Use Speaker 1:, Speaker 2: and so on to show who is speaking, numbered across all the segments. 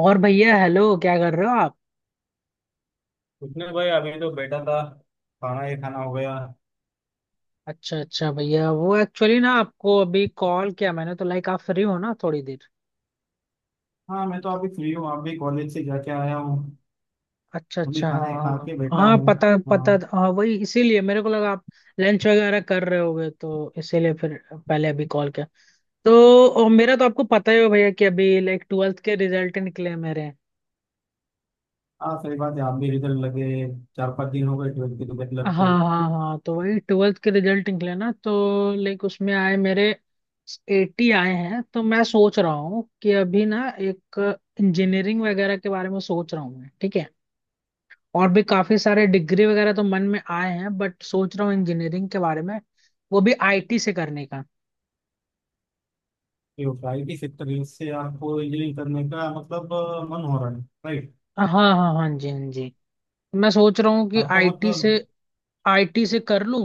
Speaker 1: और भैया हेलो, क्या कर रहे हो आप?
Speaker 2: कुछ नहीं भाई, अभी तो बैठा था। खाना ही खाना हो गया।
Speaker 1: अच्छा अच्छा भैया, वो एक्चुअली ना आपको अभी कॉल किया मैंने, तो लाइक आप फ्री हो ना थोड़ी देर?
Speaker 2: हाँ, मैं तो अभी फ्री हूँ। अभी कॉलेज से जाके आया हूँ।
Speaker 1: अच्छा
Speaker 2: अभी
Speaker 1: अच्छा,
Speaker 2: खाना
Speaker 1: हाँ।
Speaker 2: ही खा के
Speaker 1: हाँ
Speaker 2: बैठा
Speaker 1: हाँ,
Speaker 2: हूँ।
Speaker 1: पता पता
Speaker 2: हाँ
Speaker 1: था, हाँ वही इसीलिए मेरे को लगा आप लंच वगैरह कर रहे होगे, तो इसीलिए फिर पहले अभी कॉल किया। तो मेरा तो आपको पता ही हो भैया कि अभी लाइक ट्वेल्थ के रिजल्ट निकले हैं मेरे।
Speaker 2: हाँ, सही बात है। आप भी रिजल्ट लगे, 4-5 दिन हो गए ट्वेल्थ के रिजल्ट
Speaker 1: हाँ
Speaker 2: लगते।
Speaker 1: हाँ हाँ, तो वही ट्वेल्थ के रिजल्ट निकले ना, तो लाइक उसमें आए मेरे एटी आए हैं, तो मैं सोच रहा हूँ कि अभी ना एक इंजीनियरिंग वगैरह के बारे में सोच रहा हूँ मैं, ठीक है। और भी काफी सारे डिग्री वगैरह तो मन में आए हैं, बट सोच रहा हूँ इंजीनियरिंग के बारे में, वो भी आईटी से करने का।
Speaker 2: तो आईटी सेक्टर से आपको इंजीनियरिंग करने का मतलब मन हो रहा है, राइट।
Speaker 1: हाँ हाँ, हाँ जी, हाँ जी। मैं सोच रहा हूँ कि
Speaker 2: आपको
Speaker 1: आईटी से
Speaker 2: मतलब।
Speaker 1: आईटी से कर लूँ।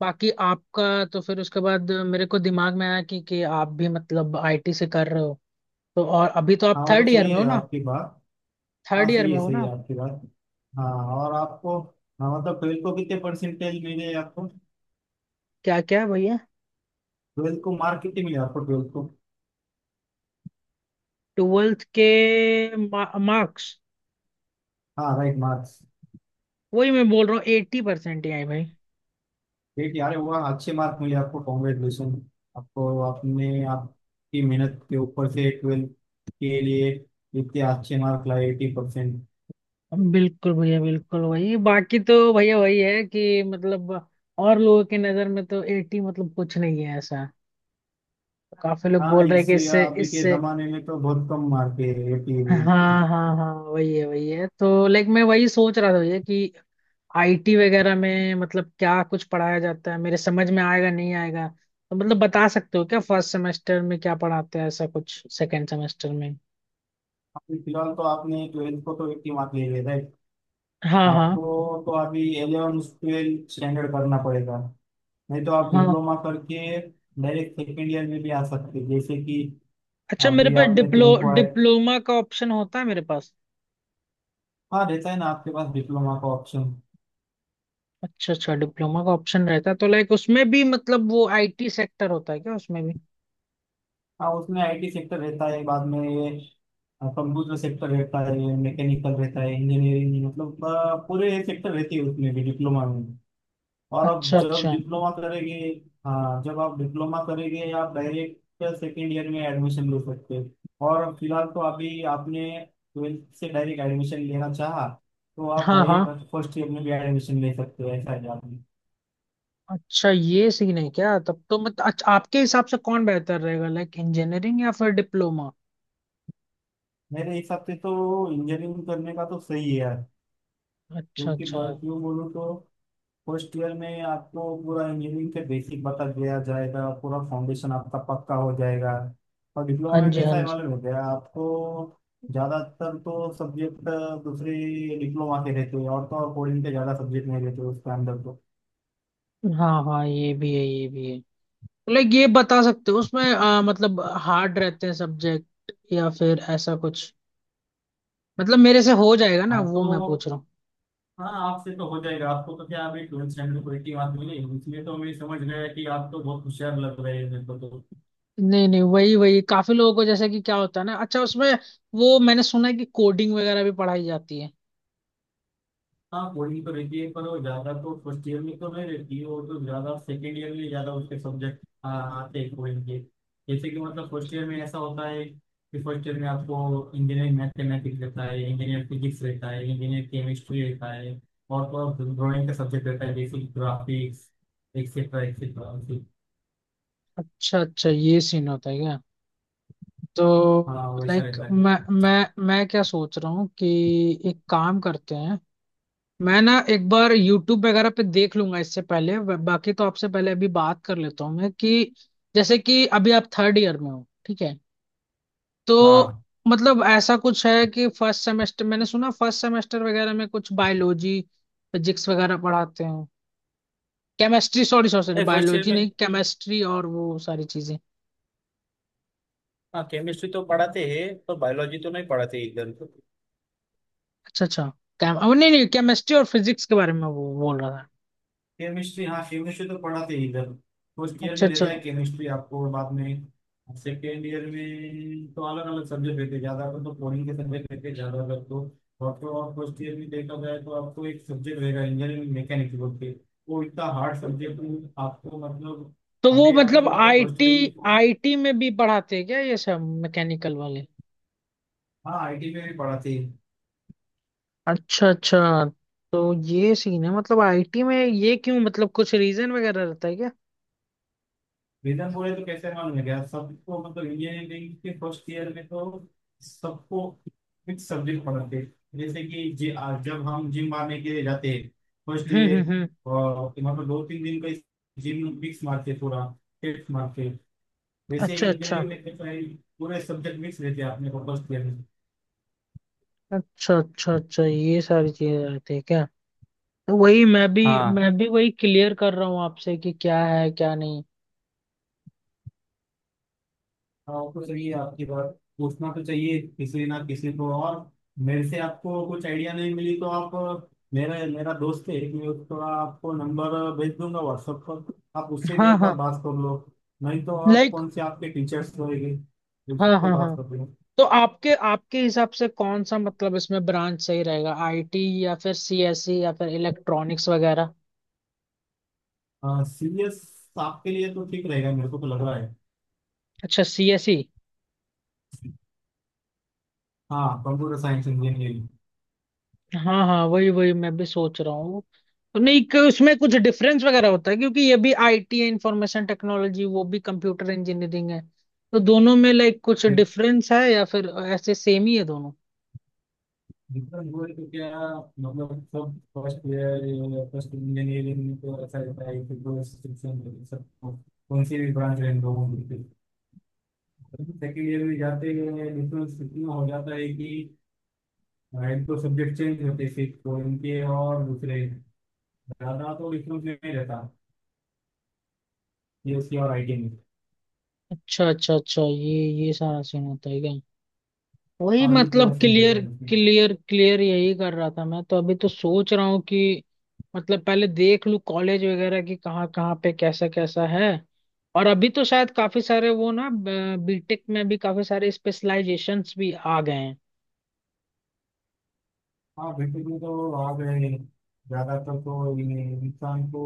Speaker 1: बाकी आपका, तो फिर उसके बाद मेरे को दिमाग में आया कि आप भी मतलब आईटी से कर रहे हो, तो और अभी तो आप
Speaker 2: हाँ, वो तो
Speaker 1: थर्ड ईयर
Speaker 2: सही
Speaker 1: में हो
Speaker 2: है
Speaker 1: ना,
Speaker 2: आपकी बात।
Speaker 1: थर्ड
Speaker 2: हाँ,
Speaker 1: ईयर में हो
Speaker 2: सही
Speaker 1: ना
Speaker 2: है
Speaker 1: आप?
Speaker 2: आपकी बात। हाँ, और आपको। हाँ, मतलब ट्वेल्थ को कितने परसेंटेज मिले आपको?
Speaker 1: क्या क्या है भैया?
Speaker 2: ट्वेल्थ को मार्क कितने मिले आपको ट्वेल्थ को?
Speaker 1: ट्वेल्थ के मार्क्स,
Speaker 2: हाँ राइट, मार्क्स।
Speaker 1: वही मैं बोल रहा हूँ, एट्टी परसेंट ही आए भाई।
Speaker 2: ठीक यार हुआ, अच्छे मार्क मिले आपको। कॉन्ग्रेचुलेशन आपको, आपने आपकी मेहनत के ऊपर से ट्वेल्थ के लिए इतने अच्छे मार्क लाए, 80%।
Speaker 1: बिल्कुल भैया बिल्कुल, वही बाकी तो भैया वही है कि मतलब और लोगों की नजर में तो एट्टी मतलब कुछ नहीं है ऐसा, काफी लोग
Speaker 2: हाँ,
Speaker 1: बोल रहे हैं कि
Speaker 2: इससे
Speaker 1: इससे
Speaker 2: अभी के
Speaker 1: इससे
Speaker 2: जमाने में तो बहुत कम मार्क है 80
Speaker 1: हाँ
Speaker 2: भी।
Speaker 1: हाँ हाँ, वही है वही है, तो लाइक मैं वही सोच रहा था भैया कि आईटी वगैरह में मतलब क्या कुछ पढ़ाया जाता है, मेरे समझ में आएगा, नहीं आएगा? तो मतलब बता सकते हो क्या फर्स्ट सेमेस्टर में क्या पढ़ाते हैं, ऐसा कुछ सेकंड सेमेस्टर में?
Speaker 2: अभी फिलहाल तो आपने ट्वेल्थ को तो 80 मार्क ले लिया, राइट?
Speaker 1: हाँ हाँ
Speaker 2: आपको। तो अभी एलेवन ट्वेल्थ स्टैंडर्ड करना पड़ेगा। नहीं तो आप
Speaker 1: हाँ।
Speaker 2: डिप्लोमा करके डायरेक्ट सेकेंड ईयर में भी आ सकते हैं। जैसे कि
Speaker 1: अच्छा, मेरे
Speaker 2: अभी
Speaker 1: पास
Speaker 2: आपने 10 को ऐड।
Speaker 1: डिप्लोमा का ऑप्शन होता है मेरे पास?
Speaker 2: हाँ, रहता है ना आपके पास डिप्लोमा का ऑप्शन।
Speaker 1: अच्छा अच्छा, डिप्लोमा का ऑप्शन रहता है, तो लाइक उसमें भी मतलब वो आईटी सेक्टर होता है क्या उसमें भी?
Speaker 2: हाँ, उसमें आईटी सेक्टर रहता है। बाद में ये कंप्यूटर सेक्टर रहता है, मैकेनिकल रहता है। इंजीनियरिंग मतलब पूरे सेक्टर रहती है उसमें भी डिप्लोमा में। और अब
Speaker 1: अच्छा
Speaker 2: जब
Speaker 1: अच्छा।
Speaker 2: डिप्लोमा करेंगे। हाँ, जब आप डिप्लोमा करेंगे आप डायरेक्ट सेकेंड ईयर में एडमिशन ले सकते हैं। और फिलहाल तो अभी आपने ट्वेल्थ से डायरेक्ट एडमिशन लेना चाहा, तो आप
Speaker 1: हाँ हाँ।
Speaker 2: डायरेक्ट फर्स्ट ईयर में भी एडमिशन ले सकते हो, ऐसा है आपने।
Speaker 1: अच्छा, ये सीन है क्या? तब तो मतलब अच्छा, आपके हिसाब से कौन बेहतर रहेगा, लाइक इंजीनियरिंग या फिर डिप्लोमा?
Speaker 2: मेरे हिसाब से तो इंजीनियरिंग करने का तो सही है यार।
Speaker 1: अच्छा
Speaker 2: क्योंकि
Speaker 1: अच्छा।
Speaker 2: क्यों बोलूँ तो फर्स्ट ईयर में आपको पूरा इंजीनियरिंग के बेसिक बता दिया जाएगा, पूरा फाउंडेशन आपका पक्का हो जाएगा। और डिप्लोमा
Speaker 1: हाँ
Speaker 2: में
Speaker 1: जी, हाँ
Speaker 2: कैसा है
Speaker 1: जी।
Speaker 2: मालूम हो गया आपको। ज़्यादातर तो सब्जेक्ट दूसरे डिप्लोमा के रहते हैं। और तो और कोडिंग के ज़्यादा सब्जेक्ट नहीं रहते उसके अंदर तो।
Speaker 1: हाँ हाँ, ये भी है ये भी है। लाइक ये बता सकते हो उसमें मतलब हार्ड रहते हैं सब्जेक्ट या फिर ऐसा कुछ? मतलब मेरे से हो जाएगा ना,
Speaker 2: हाँ
Speaker 1: वो मैं
Speaker 2: तो,
Speaker 1: पूछ रहा हूँ।
Speaker 2: हाँ आपसे तो हो जाएगा। आपको तो क्या अभी ट्वेल्थ स्टैंडर्ड कोई की बात मिली, इसलिए तो मैं समझ गया कि आप तो बहुत होशियार लग रहे हैं मेरे को तो।
Speaker 1: नहीं नहीं, वही वही, काफी लोगों को जैसे कि क्या होता है ना, अच्छा उसमें वो मैंने सुना है कि कोडिंग वगैरह भी पढ़ाई जाती है।
Speaker 2: हाँ, वही तो रहती है पर वो ज्यादा तो फर्स्ट ईयर में तो नहीं रहती है। वो तो ज्यादा सेकेंड ईयर में ज्यादा उसके सब्जेक्ट आते हैं कोई के। जैसे कि मतलब फर्स्ट ईयर में ऐसा होता है कि फर्स्ट ईयर में आपको इंजीनियरिंग मैथमेटिक्स रहता है, इंजीनियर फिजिक्स रहता है, इंजीनियर केमिस्ट्री रहता है, और तो ड्राइंग का सब्जेक्ट रहता है जैसे ग्राफिक्स, एक्सेट्रा एक्सेट्रा।
Speaker 1: अच्छा अच्छा, ये सीन होता है क्या? तो
Speaker 2: हाँ, वैसा
Speaker 1: लाइक
Speaker 2: रहता है।
Speaker 1: मैं क्या सोच रहा हूँ कि एक काम करते हैं, मैं ना एक बार YouTube वगैरह पे देख लूंगा, इससे पहले बाकी तो आपसे पहले अभी बात कर लेता हूँ मैं, कि जैसे कि अभी आप थर्ड ईयर में हो, ठीक है तो
Speaker 2: हाँ,
Speaker 1: मतलब ऐसा कुछ है कि फर्स्ट सेमेस्टर, मैंने सुना फर्स्ट सेमेस्टर वगैरह में कुछ बायोलॉजी, फिजिक्स वगैरह पढ़ाते हैं, केमिस्ट्री, सॉरी सॉरी सॉरी,
Speaker 2: नहीं फर्स्ट ईयर
Speaker 1: बायोलॉजी
Speaker 2: में,
Speaker 1: नहीं, केमिस्ट्री, और वो सारी चीजें।
Speaker 2: हाँ केमिस्ट्री तो पढ़ाते हैं। पर बायोलॉजी तो नहीं पढ़ाते इधर।
Speaker 1: अच्छा अच्छा। केम अब नहीं नहीं, केमिस्ट्री और फिजिक्स के बारे में वो बोल रहा था।
Speaker 2: केमिस्ट्री, हाँ केमिस्ट्री तो पढ़ाते ही इधर। फर्स्ट ईयर
Speaker 1: अच्छा
Speaker 2: में
Speaker 1: अच्छा।
Speaker 2: रहता है केमिस्ट्री आपको और बाद में। सेकेंड ईयर में तो अलग अलग सब्जेक्ट रहते हैं। ज्यादातर तो कोडिंग के सब्जेक्ट रहते हैं ज्यादातर तो। और तो और फर्स्ट ईयर में देखा जाए तो आपको एक सब्जेक्ट रहेगा इंजीनियरिंग मैकेनिक्स बोल के, वो इतना हार्ड सब्जेक्ट। आपको मतलब
Speaker 1: तो वो
Speaker 2: अभी आपने
Speaker 1: मतलब
Speaker 2: मतलब फर्स्ट
Speaker 1: आईटी
Speaker 2: ईयर में।
Speaker 1: आईटी में भी पढ़ाते हैं क्या ये सब मैकेनिकल वाले?
Speaker 2: हाँ, आईटी में भी पढ़ाते हैं।
Speaker 1: अच्छा अच्छा। तो ये सीन है, मतलब आईटी में ये क्यों, मतलब कुछ रीजन वगैरह रहता है क्या?
Speaker 2: रीजन बोले तो कैसे मालूम है क्या सबको? मतलब ये है कि फर्स्ट ईयर में तो सबको फिक्स सब्जेक्ट पढ़ाते हैं। जैसे कि जे आज जब हम जिम मारने के लिए जाते हैं फर्स्ट डे,
Speaker 1: हम्म।
Speaker 2: मतलब 2-3 दिन का जिम मिक्स मारते थोड़ा, टेस्ट मारते, वैसे
Speaker 1: अच्छा अच्छा
Speaker 2: इंजीनियरिंग में कैसा है, पूरे सब्जेक्ट मिक्स रहते हैं अपने को फर्स्ट ईयर में।
Speaker 1: अच्छा। अच्छा अच्छा, ये सारी चीजें रहती है क्या? तो वही मैं भी
Speaker 2: हाँ
Speaker 1: मैं भी वही क्लियर कर रहा हूँ आपसे कि क्या है क्या नहीं।
Speaker 2: हाँ, तो सही है आपकी बात। पूछना तो चाहिए किसी ना किसी को और। मेरे से आपको कुछ आइडिया नहीं मिली तो आप मेरा मेरा दोस्त है, मैं उसको आपको नंबर भेज दूंगा व्हाट्सएप पर। आप उससे भी
Speaker 1: हाँ
Speaker 2: एक बार
Speaker 1: हाँ,
Speaker 2: बात कर लो। नहीं तो आप
Speaker 1: लाइक,
Speaker 2: कौन से आपके टीचर्स होंगे,
Speaker 1: हाँ हाँ
Speaker 2: उससे बात
Speaker 1: हाँ।
Speaker 2: कर लो।
Speaker 1: तो आपके आपके हिसाब से कौन सा मतलब इसमें ब्रांच सही रहेगा, आईटी या फिर सीएसई या फिर इलेक्ट्रॉनिक्स वगैरह?
Speaker 2: सीरियस आपके लिए तो ठीक रहेगा, मेरे को तो लग रहा है।
Speaker 1: अच्छा सीएसई।
Speaker 2: हाँ, कंप्यूटर साइंस इंजीनियरिंग।
Speaker 1: हाँ हाँ, वही वही मैं भी सोच रहा हूँ। नहीं, कि उसमें कुछ डिफरेंस वगैरह होता है क्योंकि ये भी आईटी है, इंफॉर्मेशन टेक्नोलॉजी, वो भी कंप्यूटर इंजीनियरिंग है, तो दोनों में लाइक कुछ डिफरेंस है या फिर ऐसे सेम ही है दोनों?
Speaker 2: मतलब वो तो क्या, मतलब सब फर्स्ट ईयर फर्स्ट इंजीनियरिंग में तो ऐसा रहता है कि दो restriction सबको, कौन सी भी ब्रांच रहे दो होंगे। सेकेंड ईयर में जाते हैं डिफरेंस इतना हो जाता है कि एक तो सब्जेक्ट चेंज होते हैं सिर्फ तो इनके, और दूसरे ज़्यादा तो डिफरेंस नहीं रहता ये उसकी और आईटी में।
Speaker 1: अच्छा अच्छा अच्छा, ये सारा सीन होता है क्या? वही
Speaker 2: हाँ, ये पूरा
Speaker 1: मतलब,
Speaker 2: सीन रहता
Speaker 1: क्लियर
Speaker 2: है इसमें।
Speaker 1: क्लियर क्लियर, यही कर रहा था मैं। तो अभी तो सोच रहा हूँ कि मतलब पहले देख लूँ कॉलेज वगैरह की, कहाँ कहाँ पे कैसा कैसा है, और अभी तो शायद काफी सारे वो ना, बीटेक में भी काफी सारे स्पेशलाइजेशंस भी आ गए हैं।
Speaker 2: हाँ, बिल्कुल में तो आ गए। ज़्यादातर तो ये इंसान को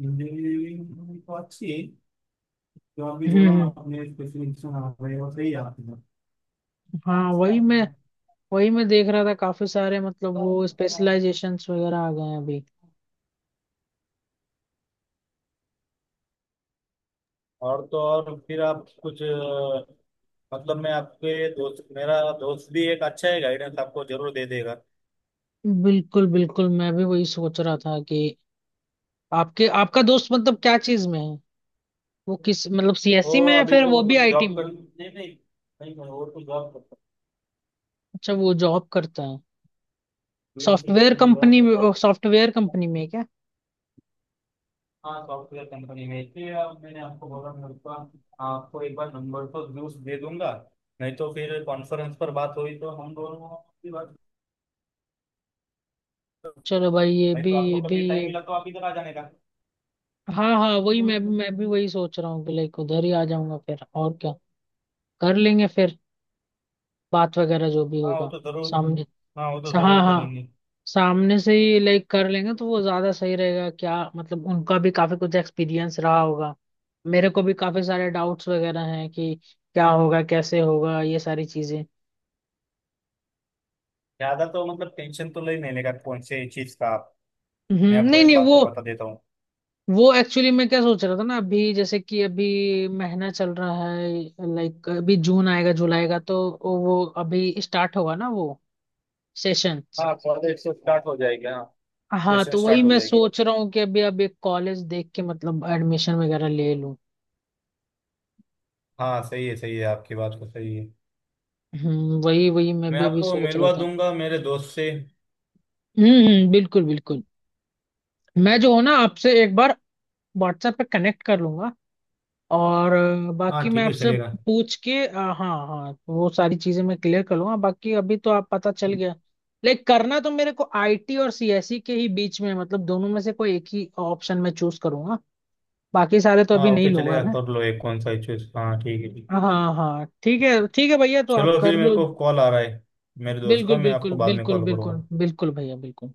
Speaker 2: इंजीनियरिंग तो अच्छी है। जो आप भी
Speaker 1: हम्म
Speaker 2: बोला ना,
Speaker 1: हम्म।
Speaker 2: आपने स्पेशलिस्टेशन आ रहे हो, सही है आपने।
Speaker 1: हाँ, वही मैं देख रहा था, काफी सारे मतलब वो स्पेशलाइजेशंस वगैरह आ गए हैं अभी।
Speaker 2: और तो और फिर आप कुछ मतलब मैं आपके दोस्त मेरा दोस्त भी एक अच्छा है, गाइडेंस आपको जरूर दे देगा।
Speaker 1: बिल्कुल बिल्कुल, मैं भी वही सोच रहा था कि आपके आपका दोस्त मतलब क्या चीज में है, वो किस मतलब
Speaker 2: वो
Speaker 1: सीएससी में है
Speaker 2: अभी
Speaker 1: फिर
Speaker 2: तो
Speaker 1: वो भी
Speaker 2: मतलब
Speaker 1: आईटी
Speaker 2: जॉब
Speaker 1: में?
Speaker 2: कर नहीं नहीं। नहीं नहीं, वो तो जॉब करता
Speaker 1: अच्छा, वो जॉब करता है
Speaker 2: है। ये चीज पर जॉब करता है।
Speaker 1: सॉफ्टवेयर कंपनी में है क्या?
Speaker 2: हाँ, सॉफ्टवेयर कंपनी में, इसलिए अब मैंने आपको बोला मैं उसका आपको एक बार नंबर तो जरूर दे दूंगा। नहीं तो फिर कॉन्फ्रेंस पर बात हुई तो हम दोनों की बात।
Speaker 1: चलो भाई, ये
Speaker 2: नहीं
Speaker 1: भी
Speaker 2: तो आपको
Speaker 1: ये भी
Speaker 2: कभी टाइम
Speaker 1: ये।
Speaker 2: मिला तो आप इधर आ जाने का।
Speaker 1: हाँ हाँ, वही मैं भी वही सोच रहा हूँ कि लाइक उधर ही आ जाऊंगा फिर और क्या, कर लेंगे फिर, बात वगैरह जो भी
Speaker 2: हाँ, वो
Speaker 1: होगा
Speaker 2: तो जरूर।
Speaker 1: सामने।
Speaker 2: हाँ, वो तो
Speaker 1: हाँ
Speaker 2: जरूर
Speaker 1: हाँ,
Speaker 2: करेंगे।
Speaker 1: सामने से ही लाइक कर लेंगे तो वो ज्यादा सही रहेगा क्या, मतलब उनका भी काफी कुछ एक्सपीरियंस रहा होगा, मेरे को भी काफी सारे डाउट्स वगैरह हैं कि क्या होगा, कैसे होगा, ये सारी चीजें।
Speaker 2: ज्यादा तो मतलब टेंशन तो ले नहीं लेगा कौन से चीज का आप।
Speaker 1: हम्म,
Speaker 2: मैं आपको
Speaker 1: नहीं
Speaker 2: एक
Speaker 1: नहीं।
Speaker 2: बात तो
Speaker 1: वो
Speaker 2: बता देता हूँ।
Speaker 1: वो एक्चुअली मैं क्या सोच रहा था ना, अभी जैसे कि अभी महीना चल रहा है, लाइक अभी जून आएगा जुलाई का, तो वो अभी स्टार्ट होगा ना वो सेशन।
Speaker 2: हाँ, कॉलेज से स्टार्ट हो जाएगी। हाँ,
Speaker 1: हाँ,
Speaker 2: सेशन
Speaker 1: तो वही
Speaker 2: स्टार्ट हो
Speaker 1: मैं
Speaker 2: जाएगी।
Speaker 1: सोच रहा हूँ कि अभी अब एक कॉलेज देख के मतलब एडमिशन वगैरह ले लूँ।
Speaker 2: हाँ, सही है आपकी बात तो सही है।
Speaker 1: हम्म, वही वही मैं
Speaker 2: मैं
Speaker 1: भी अभी
Speaker 2: आपको
Speaker 1: सोच रहा
Speaker 2: मिलवा
Speaker 1: था।
Speaker 2: दूंगा मेरे दोस्त से।
Speaker 1: बिल्कुल बिल्कुल। मैं जो हूँ ना, आपसे एक बार व्हाट्सएप पे कनेक्ट कर लूंगा, और बाकी
Speaker 2: हाँ,
Speaker 1: मैं
Speaker 2: ठीक है
Speaker 1: आपसे
Speaker 2: चलेगा।
Speaker 1: पूछ के हाँ, हाँ, वो सारी चीजें मैं क्लियर कर लूंगा। बाकी अभी तो आप पता चल गया, लाइक करना तो मेरे को आईटी और सीएसई के ही बीच में है, मतलब दोनों में से कोई एक ही ऑप्शन मैं चूज करूंगा, बाकी सारे तो अभी
Speaker 2: हाँ,
Speaker 1: नहीं
Speaker 2: ओके
Speaker 1: लूंगा
Speaker 2: चलेगा,
Speaker 1: मैं।
Speaker 2: कर लो एक कौन सा चूज। हाँ, ठीक है ठीक।
Speaker 1: हाँ हाँ, ठीक है भैया, तो
Speaker 2: चलो
Speaker 1: आप कर
Speaker 2: फिर, मेरे
Speaker 1: लो।
Speaker 2: को कॉल आ रहा है मेरे दोस्त का,
Speaker 1: बिल्कुल
Speaker 2: मैं
Speaker 1: बिल्कुल
Speaker 2: आपको बाद में
Speaker 1: बिल्कुल
Speaker 2: कॉल
Speaker 1: बिल्कुल
Speaker 2: करूँगा।
Speaker 1: बिल्कुल भैया बिल्कुल।